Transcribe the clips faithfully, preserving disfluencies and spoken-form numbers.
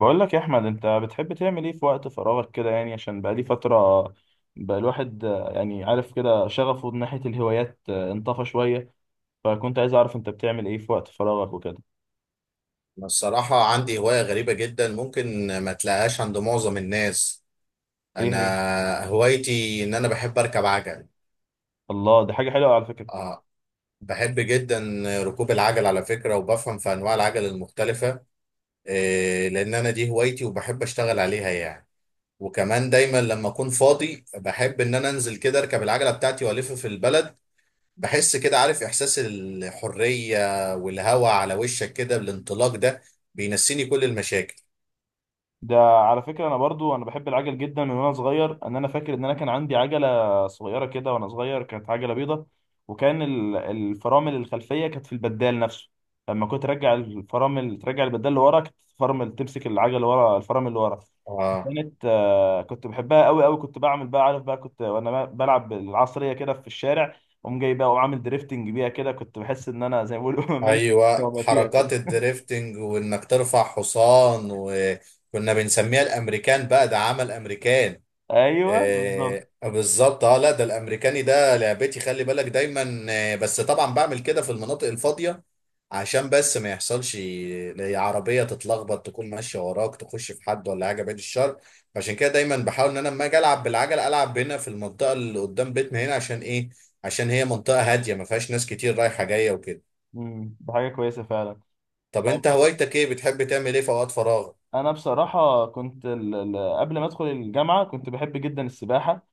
بقول لك يا احمد، انت بتحب تعمل ايه في وقت فراغك كده؟ يعني عشان بقالي فتره بقى الواحد آه، يعني عارف كده شغفه من ناحيه الهوايات آه، انطفى شويه. فكنت عايز اعرف انت بتعمل ايه في وقت فراغك وكده. أنا الصراحة عندي هواية غريبة جدا ممكن ما تلاقيهاش عند معظم الناس. ايه هي؟ أنا هوايتي إن أنا بحب أركب عجل. الله، دي حاجه حلوه على فكره. آه، بحب جدا ركوب العجل على فكرة، وبفهم في أنواع العجل المختلفة. إيه، لأن أنا دي هوايتي وبحب أشتغل عليها يعني. وكمان دايما لما أكون فاضي بحب إن أنا أنزل كده أركب العجلة بتاعتي وألف في البلد. بحس كده عارف إحساس الحرية والهواء على وشك كده، الانطلاق ده بينسيني كل المشاكل. ده على فكرة أنا برضو أنا بحب العجل جدا من وأنا صغير. أن أنا فاكر إن أنا كان عندي عجلة صغيرة كده وأنا صغير، كانت عجلة بيضة. وكان ال- الفرامل الخلفية كانت في البدال نفسه. لما كنت ترجع الفرامل ترجع البدال لورا، كانت الفرامل تمسك العجلة ورا، الفرامل اللي ورا. آه، كانت آه، كنت بحبها قوي قوي، كنت بعمل بقى، عارف بقى، كنت وأنا ب- بلعب بالعصرية كده في الشارع. قوم جاي بقى وعامل دريفتنج بيها كده، كنت بحس إن أنا زي ما بيقولوا ملك الكوكب ايوه وما فيها حركات كده. الدريفتنج وانك ترفع حصان، وكنا بنسميها الامريكان بقى، ده عمل امريكان. أيوه بالظبط. آه بالظبط، اه لا ده الامريكاني ده لعبتي، خلي بالك دايما. آه بس طبعا بعمل كده في المناطق الفاضيه، عشان بس ما يحصلش ل- عربيه تتلخبط تكون ماشيه وراك تخش في حد ولا حاجه، بعيد الشر. عشان كده دايما بحاول ان انا لما اجي العب بالعجل العب هنا في المنطقه اللي قدام بيتنا هنا، عشان ايه؟ عشان هي منطقه هاديه ما فيهاش ناس كتير رايحه جايه وكده. مم، ده حاجة كويسة فعلا. طب انت هوايتك ايه؟ بتحب تعمل ايه في اوقات فراغ؟ انا بصراحه كنت ال- ال- قبل ما ادخل الجامعه كنت بحب جدا السباحه.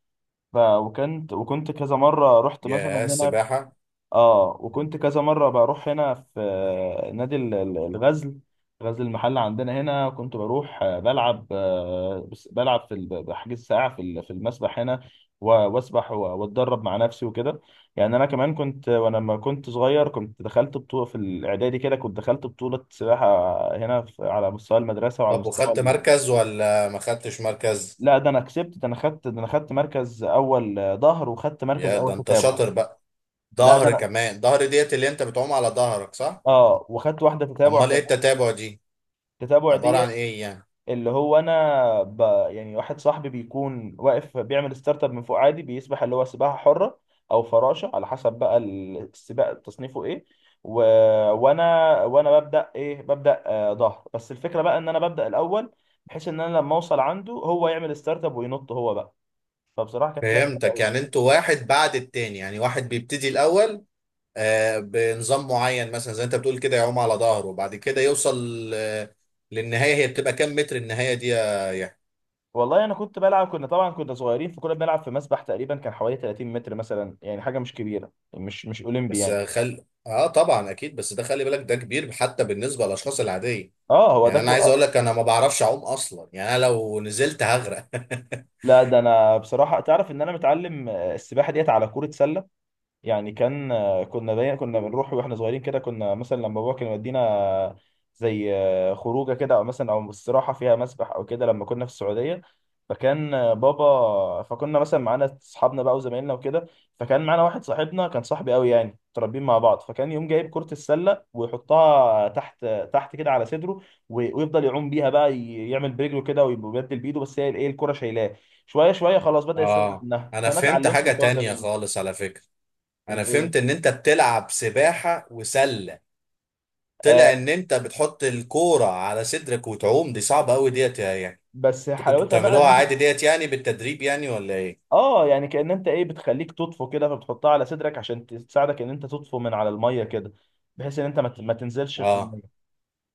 ف... وكنت وكنت كذا مره رحت مثلا يا هنا. السباحة! اه، مم. وكنت كذا مره بروح هنا في آه، نادي ال- ال- الغزل، غزل المحله عندنا هنا. كنت بروح آه، بلعب، آه، بس- بلعب في ال- بحجز ساعه في ال- في المسبح هنا و- واسبح و- واتدرب مع نفسي وكده. يعني انا كمان كنت وانا لما كنت صغير كنت دخلت بطوله في الاعدادي، كده كنت دخلت بطوله سباحه هنا في- على مستوى المدرسه وعلى طب مستوى. وخدت مركز ولا ما خدتش مركز؟ لا ده انا كسبت، ده انا خدت ده انا خدت مركز اول آه، ظهر، وخدت مركز يا ده اول انت تتابع. شاطر بقى. لا ده ظهر انا. كمان، ظهر ديت اللي انت بتعوم على ظهرك، صح؟ اه، وخدت واحده تتابع امال ايه كمان. التتابع دي؟ التتابع عبارة دي؟ عن ايه يعني؟ اللي هو انا ب... يعني واحد صاحبي بيكون واقف بيعمل ستارت اب من فوق عادي، بيسبح اللي هو سباحه حره او فراشه على حسب بقى ال- السباق تصنيفه ايه. و... وانا وانا ببدا ايه ببدا آه ظهر، بس الفكره بقى ان انا ببدا الاول، بحيث ان انا لما اوصل عنده هو يعمل ستارت اب وينط هو بقى. فبصراحه كانت فهمتك، لعبه. يعني انتوا واحد بعد التاني، يعني واحد بيبتدي الاول. آه بنظام معين مثلا، زي انت بتقول كده يعوم على ظهره وبعد كده يوصل آه للنهاية. هي بتبقى كام متر النهاية دي يا؟ والله انا كنت بلعب، كنا طبعا كنا صغيرين، فكنا بنلعب في مسبح تقريبا كان حوالي تلاتين متر مثلا، يعني حاجه مش كبيره، مش مش اولمبي بس يعني. خل اه طبعا اكيد، بس ده خلي بالك ده كبير حتى بالنسبه للاشخاص العاديه. اه هو ده يعني انا كو... عايز اقول آه. لك انا ما بعرفش اعوم اصلا، يعني انا لو نزلت هغرق لا ده انا بصراحه تعرف ان انا متعلم آه، السباحه ديت على كوره سله. يعني كان آه، كنا دايما كنا بنروح واحنا صغيرين كده، كنا مثلا لما بابا كان يودينا زي آه، خروجه كده او مثلا او استراحه فيها مسبح او كده لما كنا في السعوديه. فكان آه، بابا فكنا مثلا معانا اصحابنا بقى وزمايلنا وكده، فكان معانا واحد صاحبنا كان صاحبي قوي، يعني متربيين مع بعض، فكان يوم جايب كرة السلة ويحطها تحت، تحت كده على صدره. وي- ويفضل يعوم بيها بقى، ي- يعمل برجله كده ويبدل بايده، بس هي الايه، الكرة شايلاه. شوية شوية خلاص بدأ يستغنى اه، عنها، انا فانا فهمت اتعلمت حاجه الحوار ده تانية منه. خالص على فكره. انا الايه؟ فهمت ان انت بتلعب سباحه وسله. طلع ان انت بتحط الكوره على صدرك وتعوم، دي صعبه قوي ديت يا- يعني. بس انتوا كنتوا حلاوتها بقى ان بتعملوها انت. عادي ديت يعني، بالتدريب يعني، ولا ايه؟ اه يعني كأن انت ايه، بتخليك تطفو كده، فبتحطها على صدرك عشان تساعدك ان انت تطفو من على الميه كده، بحيث ان انت ما ت- ما تنزلش في اه. الميه.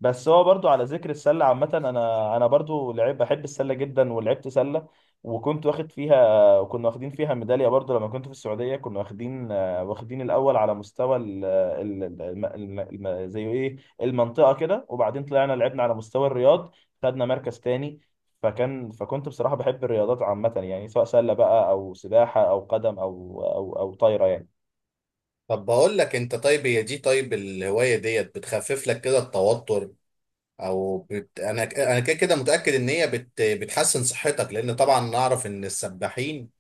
بس هو برضو على ذكر السله عامه، انا انا برضو لعيب بحب السله جدا ولعبت سله. وكنت واخد فيها، وكنا واخدين فيها ميداليه برضو لما كنت في السعوديه. كنا واخدين آه، واخدين الاول على مستوى ال ال ال الم- الم- الم- زي ايه، المنطقه كده. وبعدين طلعنا لعبنا على مستوى الرياض، خدنا مركز تاني. فكان فكنت بصراحه بحب الرياضات عامه، يعني سواء سله بقى او سباحه او قدم او او او طايره يعني. طب بقول لك انت، طيب هي دي، طيب الهوايه ديت بتخفف لك كده التوتر، او بت... انا انا كده كده متاكد ان هي بت... بتحسن صحتك، لان طبعا نعرف ان السباحين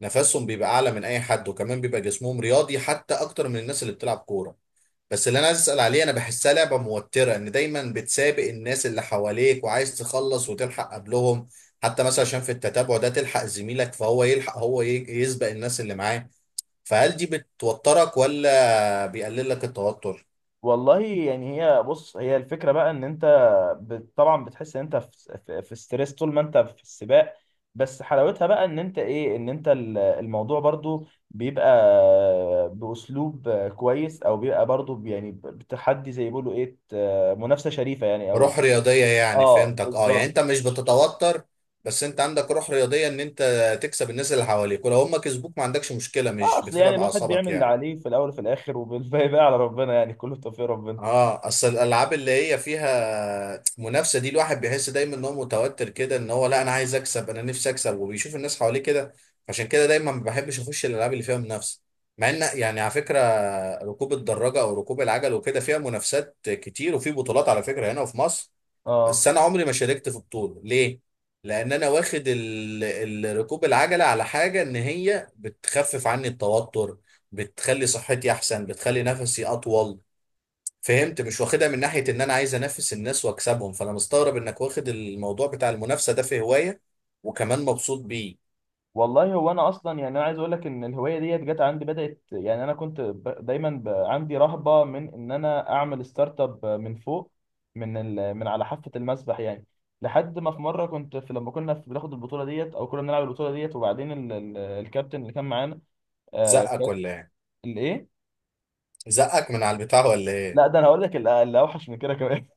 نفسهم بيبقى اعلى من اي حد، وكمان بيبقى جسمهم رياضي حتى اكتر من الناس اللي بتلعب كوره. بس اللي انا عايز اسال عليه، انا بحسها لعبه موتره ان دايما بتسابق الناس اللي حواليك وعايز تخلص وتلحق قبلهم، حتى مثلا عشان في التتابع ده تلحق زميلك، فهو يلحق هو ي- يسبق الناس اللي معاه. فهل دي بتوترك ولا بيقلل لك التوتر؟ والله يعني هي بص، هي الفكرة بقى ان انت بت- طبعا بتحس ان انت في في في ستريس طول ما انت في السباق، بس حلاوتها بقى ان انت ايه، ان انت ال- الموضوع برضو بيبقى باسلوب كويس، او بيبقى برضو ب- يعني ب- بتحدي زي ما بيقولوا ايه، ت- منافسة شريفة يعني او. روح رياضية يعني، اه فهمتك. اه يعني بالظبط. انت مش بتتوتر، بس انت عندك روح رياضية ان انت تكسب الناس اللي حواليك، ولو هم كسبوك ما عندكش مشكلة، اه مش اصل يعني بتتعب الواحد بيعمل اعصابك اللي يعني. عليه في الاول وفي الاخر، وبالباقي بقى على ربنا يعني، كله توفيق ربنا. اه، اصل الالعاب اللي هي فيها منافسة دي الواحد بيحس دايما ان هو متوتر كده، ان هو لا انا عايز اكسب، انا نفسي اكسب، وبيشوف الناس حواليه كده. عشان كده دايما ما بحبش اخش الالعاب اللي فيها منافسة، مع ان يعني على فكرة ركوب الدراجة او ركوب العجل وكده فيها منافسات كتير، وفي بطولات على فكرة هنا في مصر. بس اه انا عمري ما شاركت في بطوله. ليه؟ لان انا واخد ال... ال- ركوب العجله على حاجه ان هي بتخفف عني التوتر، بتخلي صحتي احسن، بتخلي نفسي اطول. فهمت؟ مش واخدها من ناحيه ان انا عايز انافس الناس واكسبهم. فانا مستغرب انك واخد الموضوع بتاع المنافسه ده في هوايه، وكمان مبسوط بيه. والله هو انا اصلا يعني انا عايز اقول لك ان الهوايه ديت جت عندي بدات، يعني انا كنت ب... دايما ب... عندي رهبه من ان انا اعمل ستارت اب من فوق، من ال... من على حافه المسبح يعني. لحد ما في مره كنت في لما كنا في بناخد البطوله ديت او كنا بنلعب البطوله ديت، وبعدين ال... ال... الكابتن اللي كان معانا آه... زقك كان. ولا ايه؟ الايه؟ زقك من على البتاع ولا ايه؟ لا ده انا هقول لك ال- اللي اوحش من كده كمان.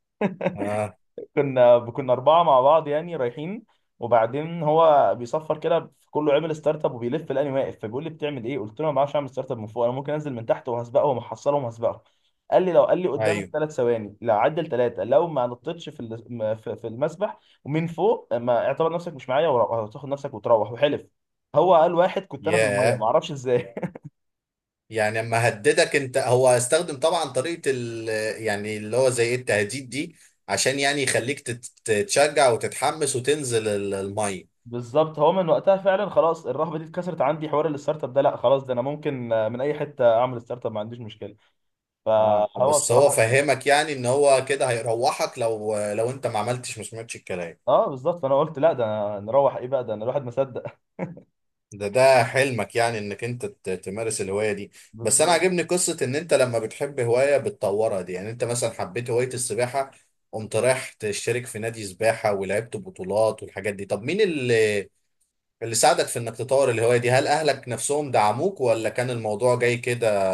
اه. كنا كنا اربعه مع بعض يعني رايحين. وبعدين هو بيصفر كده في كله، عمل ستارت اب وبيلف لاني واقف، فبيقول لي بتعمل ايه، قلت له ما بعرفش اعمل ستارت اب من فوق، انا ممكن انزل من تحت وهسبقه ومحصله وهسبقه. قال لي لو، قال لي قدامك ايوه. ثلاث ثواني، لا عدل ثلاثه، لو ما نطيتش في ال- م- في في المسبح ومن فوق، ما اعتبر نفسك مش معايا، وتاخد نفسك وتروح. وحلف هو، قال واحد كنت انا في الميه ما ياه! اعرفش ازاي. يعني اما هددك انت، هو استخدم طبعا طريقة ال يعني اللي هو زي إيه، التهديد دي عشان يعني يخليك تت- تتشجع وتتحمس وتنزل ال- المية. بالظبط، هو من وقتها فعلا خلاص الرهبه دي اتكسرت عندي، حوار الستارت اب ده لا خلاص، ده انا ممكن آه، من اي حته اعمل ستارت اب، ما عنديش مشكله. اه فهو بس هو بصراحه كان- فهمك يعني ان هو كده هيروحك لو لو انت ما عملتش، ما سمعتش الكلام. اه بالظبط. فانا قلت لا ده نروح ايه بقى، ده أنا الواحد ما صدق. ده ده حلمك يعني، انك انت ت- تمارس الهواية دي. بس انا بالظبط. عاجبني قصة ان انت لما بتحب هواية بتطورها دي، يعني انت مثلا حبيت هواية السباحة قمت رايح تشترك في نادي سباحة ولعبت بطولات والحاجات دي. طب مين اللي اللي ساعدك في انك تطور الهواية دي؟ هل اهلك نفسهم دعموك، ولا كان الموضوع جاي كده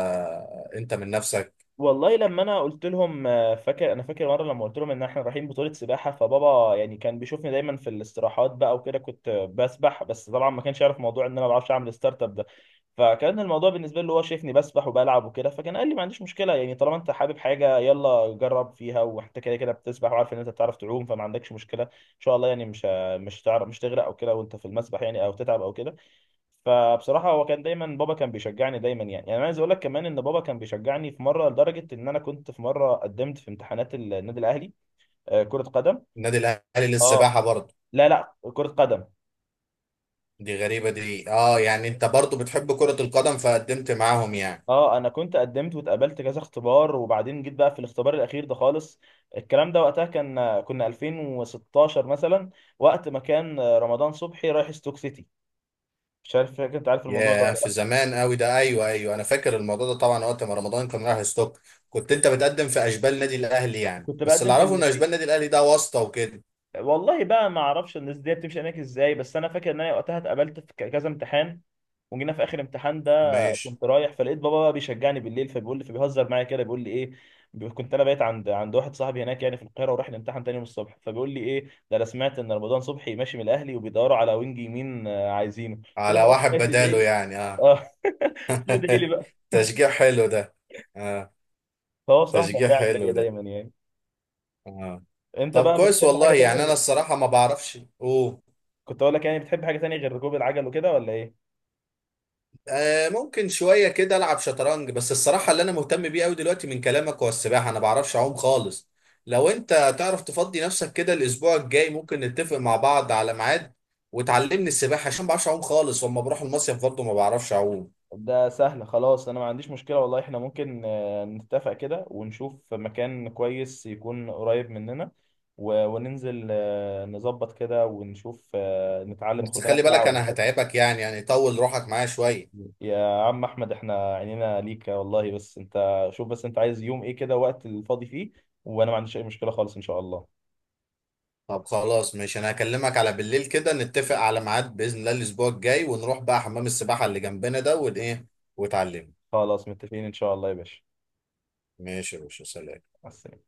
انت من نفسك؟ والله لما انا قلت لهم آه، فاكر انا فاكر مره لما قلت لهم ان احنا رايحين بطوله سباحه، فبابا يعني كان بيشوفني دايما في الاستراحات بقى وكده كنت بسبح، بس طبعا ما كانش يعرف موضوع ان انا ما بعرفش اعمل ستارت اب ده. فكان الموضوع بالنسبه له هو شايفني بسبح وبلعب وكده، فكان قال لي ما عنديش مشكله، يعني طالما انت حابب حاجه يلا جرب فيها، وانت كده كده بتسبح وعارف ان انت بتعرف تعوم، فما عندكش مشكله ان شاء الله، يعني مش مش هتعرف، مش تغرق او كده وانت في المسبح يعني، او تتعب او كده. فبصراحه هو كان دايما، بابا كان بيشجعني دايما يعني. يعني انا عايز اقول لك كمان ان بابا كان بيشجعني، في مره لدرجه ان انا كنت في مره قدمت في امتحانات النادي الاهلي آه، كره قدم. النادي الاهلي اه للسباحة برضه؟ لا لا كره قدم. دي غريبة دي. اه يعني انت برضه بتحب كرة القدم فقدمت معاهم يعني. اه انا كنت قدمت واتقابلت كذا اختبار، وبعدين جيت بقى في الاختبار الاخير ده خالص. الكلام ده وقتها كان كنا الفين وستاشر مثلا، وقت ما كان آه، رمضان صبحي رايح ستوك سيتي، مش عارف فاكر انت عارف الموضوع ده ياه، ولا في لا. زمان قوي ده. ايوه ايوه، انا فاكر الموضوع ده طبعا، وقت ما رمضان كان رايح ستوك. كنت انت بتقدم في اشبال النادي الاهلي يعني؟ كنت بس بقدم اللي في اعرفه ان اشبال الناشئين. النادي الاهلي ده واسطة وكده. والله بقى ما اعرفش الناس دي بتمشي هناك ازاي، بس انا فاكر ان انا وقتها اتقابلت في ك- كذا امتحان، وجينا في اخر امتحان ده. ماشي. كنت رايح فلقيت بابا بقى بيشجعني بالليل، فبيقول لي، فبيهزر معايا كده بيقول لي ايه، بي- كنت انا بقيت عند عند واحد صاحبي هناك يعني في القاهره، ورايح الامتحان تاني يوم الصبح، فبيقول لي ايه ده، انا سمعت ان رمضان صبحي ماشي من الاهلي وبيدوروا على وينج يمين آه، عايزينه. قلت له على خلاص واحد ماشي، ادعي بداله لي. يعني، اه. اه ادعي لي بقى. تشجيع حلو ده. اه. فهو صراحه كان تشجيع داعم ليا حلو ده. دايما يعني. اه. انت طب بقى كويس بتحب حاجه والله. يعني انا تانيه؟ الصراحه ما بعرفش. اوه. كنت اقول لك يعني بتحب حاجه تانيه غير ركوب العجل وكده ولا ايه؟ آه ممكن شويه كده العب شطرنج، بس الصراحه اللي انا مهتم بيه قوي دلوقتي من كلامك هو السباحه. انا ما بعرفش اعوم خالص. لو انت تعرف تفضي نفسك كده الاسبوع الجاي، ممكن نتفق مع بعض على ميعاد وتعلمني السباحه، عشان ما بعرفش اعوم خالص، واما بروح المصيف برضه ما بعرفش اعوم. ده سهل خلاص، انا ما عنديش مشكلة والله. احنا ممكن آه، نتفق كده ونشوف مكان كويس يكون قريب مننا، و- وننزل آه، نظبط كده ونشوف آه، نتعلم، بس خد لنا خلي ساعة بالك ولا انا حاجة. هتعبك يعني يعني طول روحك معايا شويه. يا عم احمد احنا عينينا ليك والله، بس انت شوف، بس انت عايز يوم ايه كده وقت الفاضي فيه، وانا ما عنديش اي مشكلة خالص ان شاء الله. طب خلاص ماشي، انا هكلمك على بالليل كده نتفق على ميعاد باذن الله الاسبوع الجاي، ونروح بقى حمام السباحه اللي جنبنا ده، وايه، وتعلمني. خلاص متفقين ان شاء الله يا باشا. ماشي يا باشا، سلام. مع السلامة.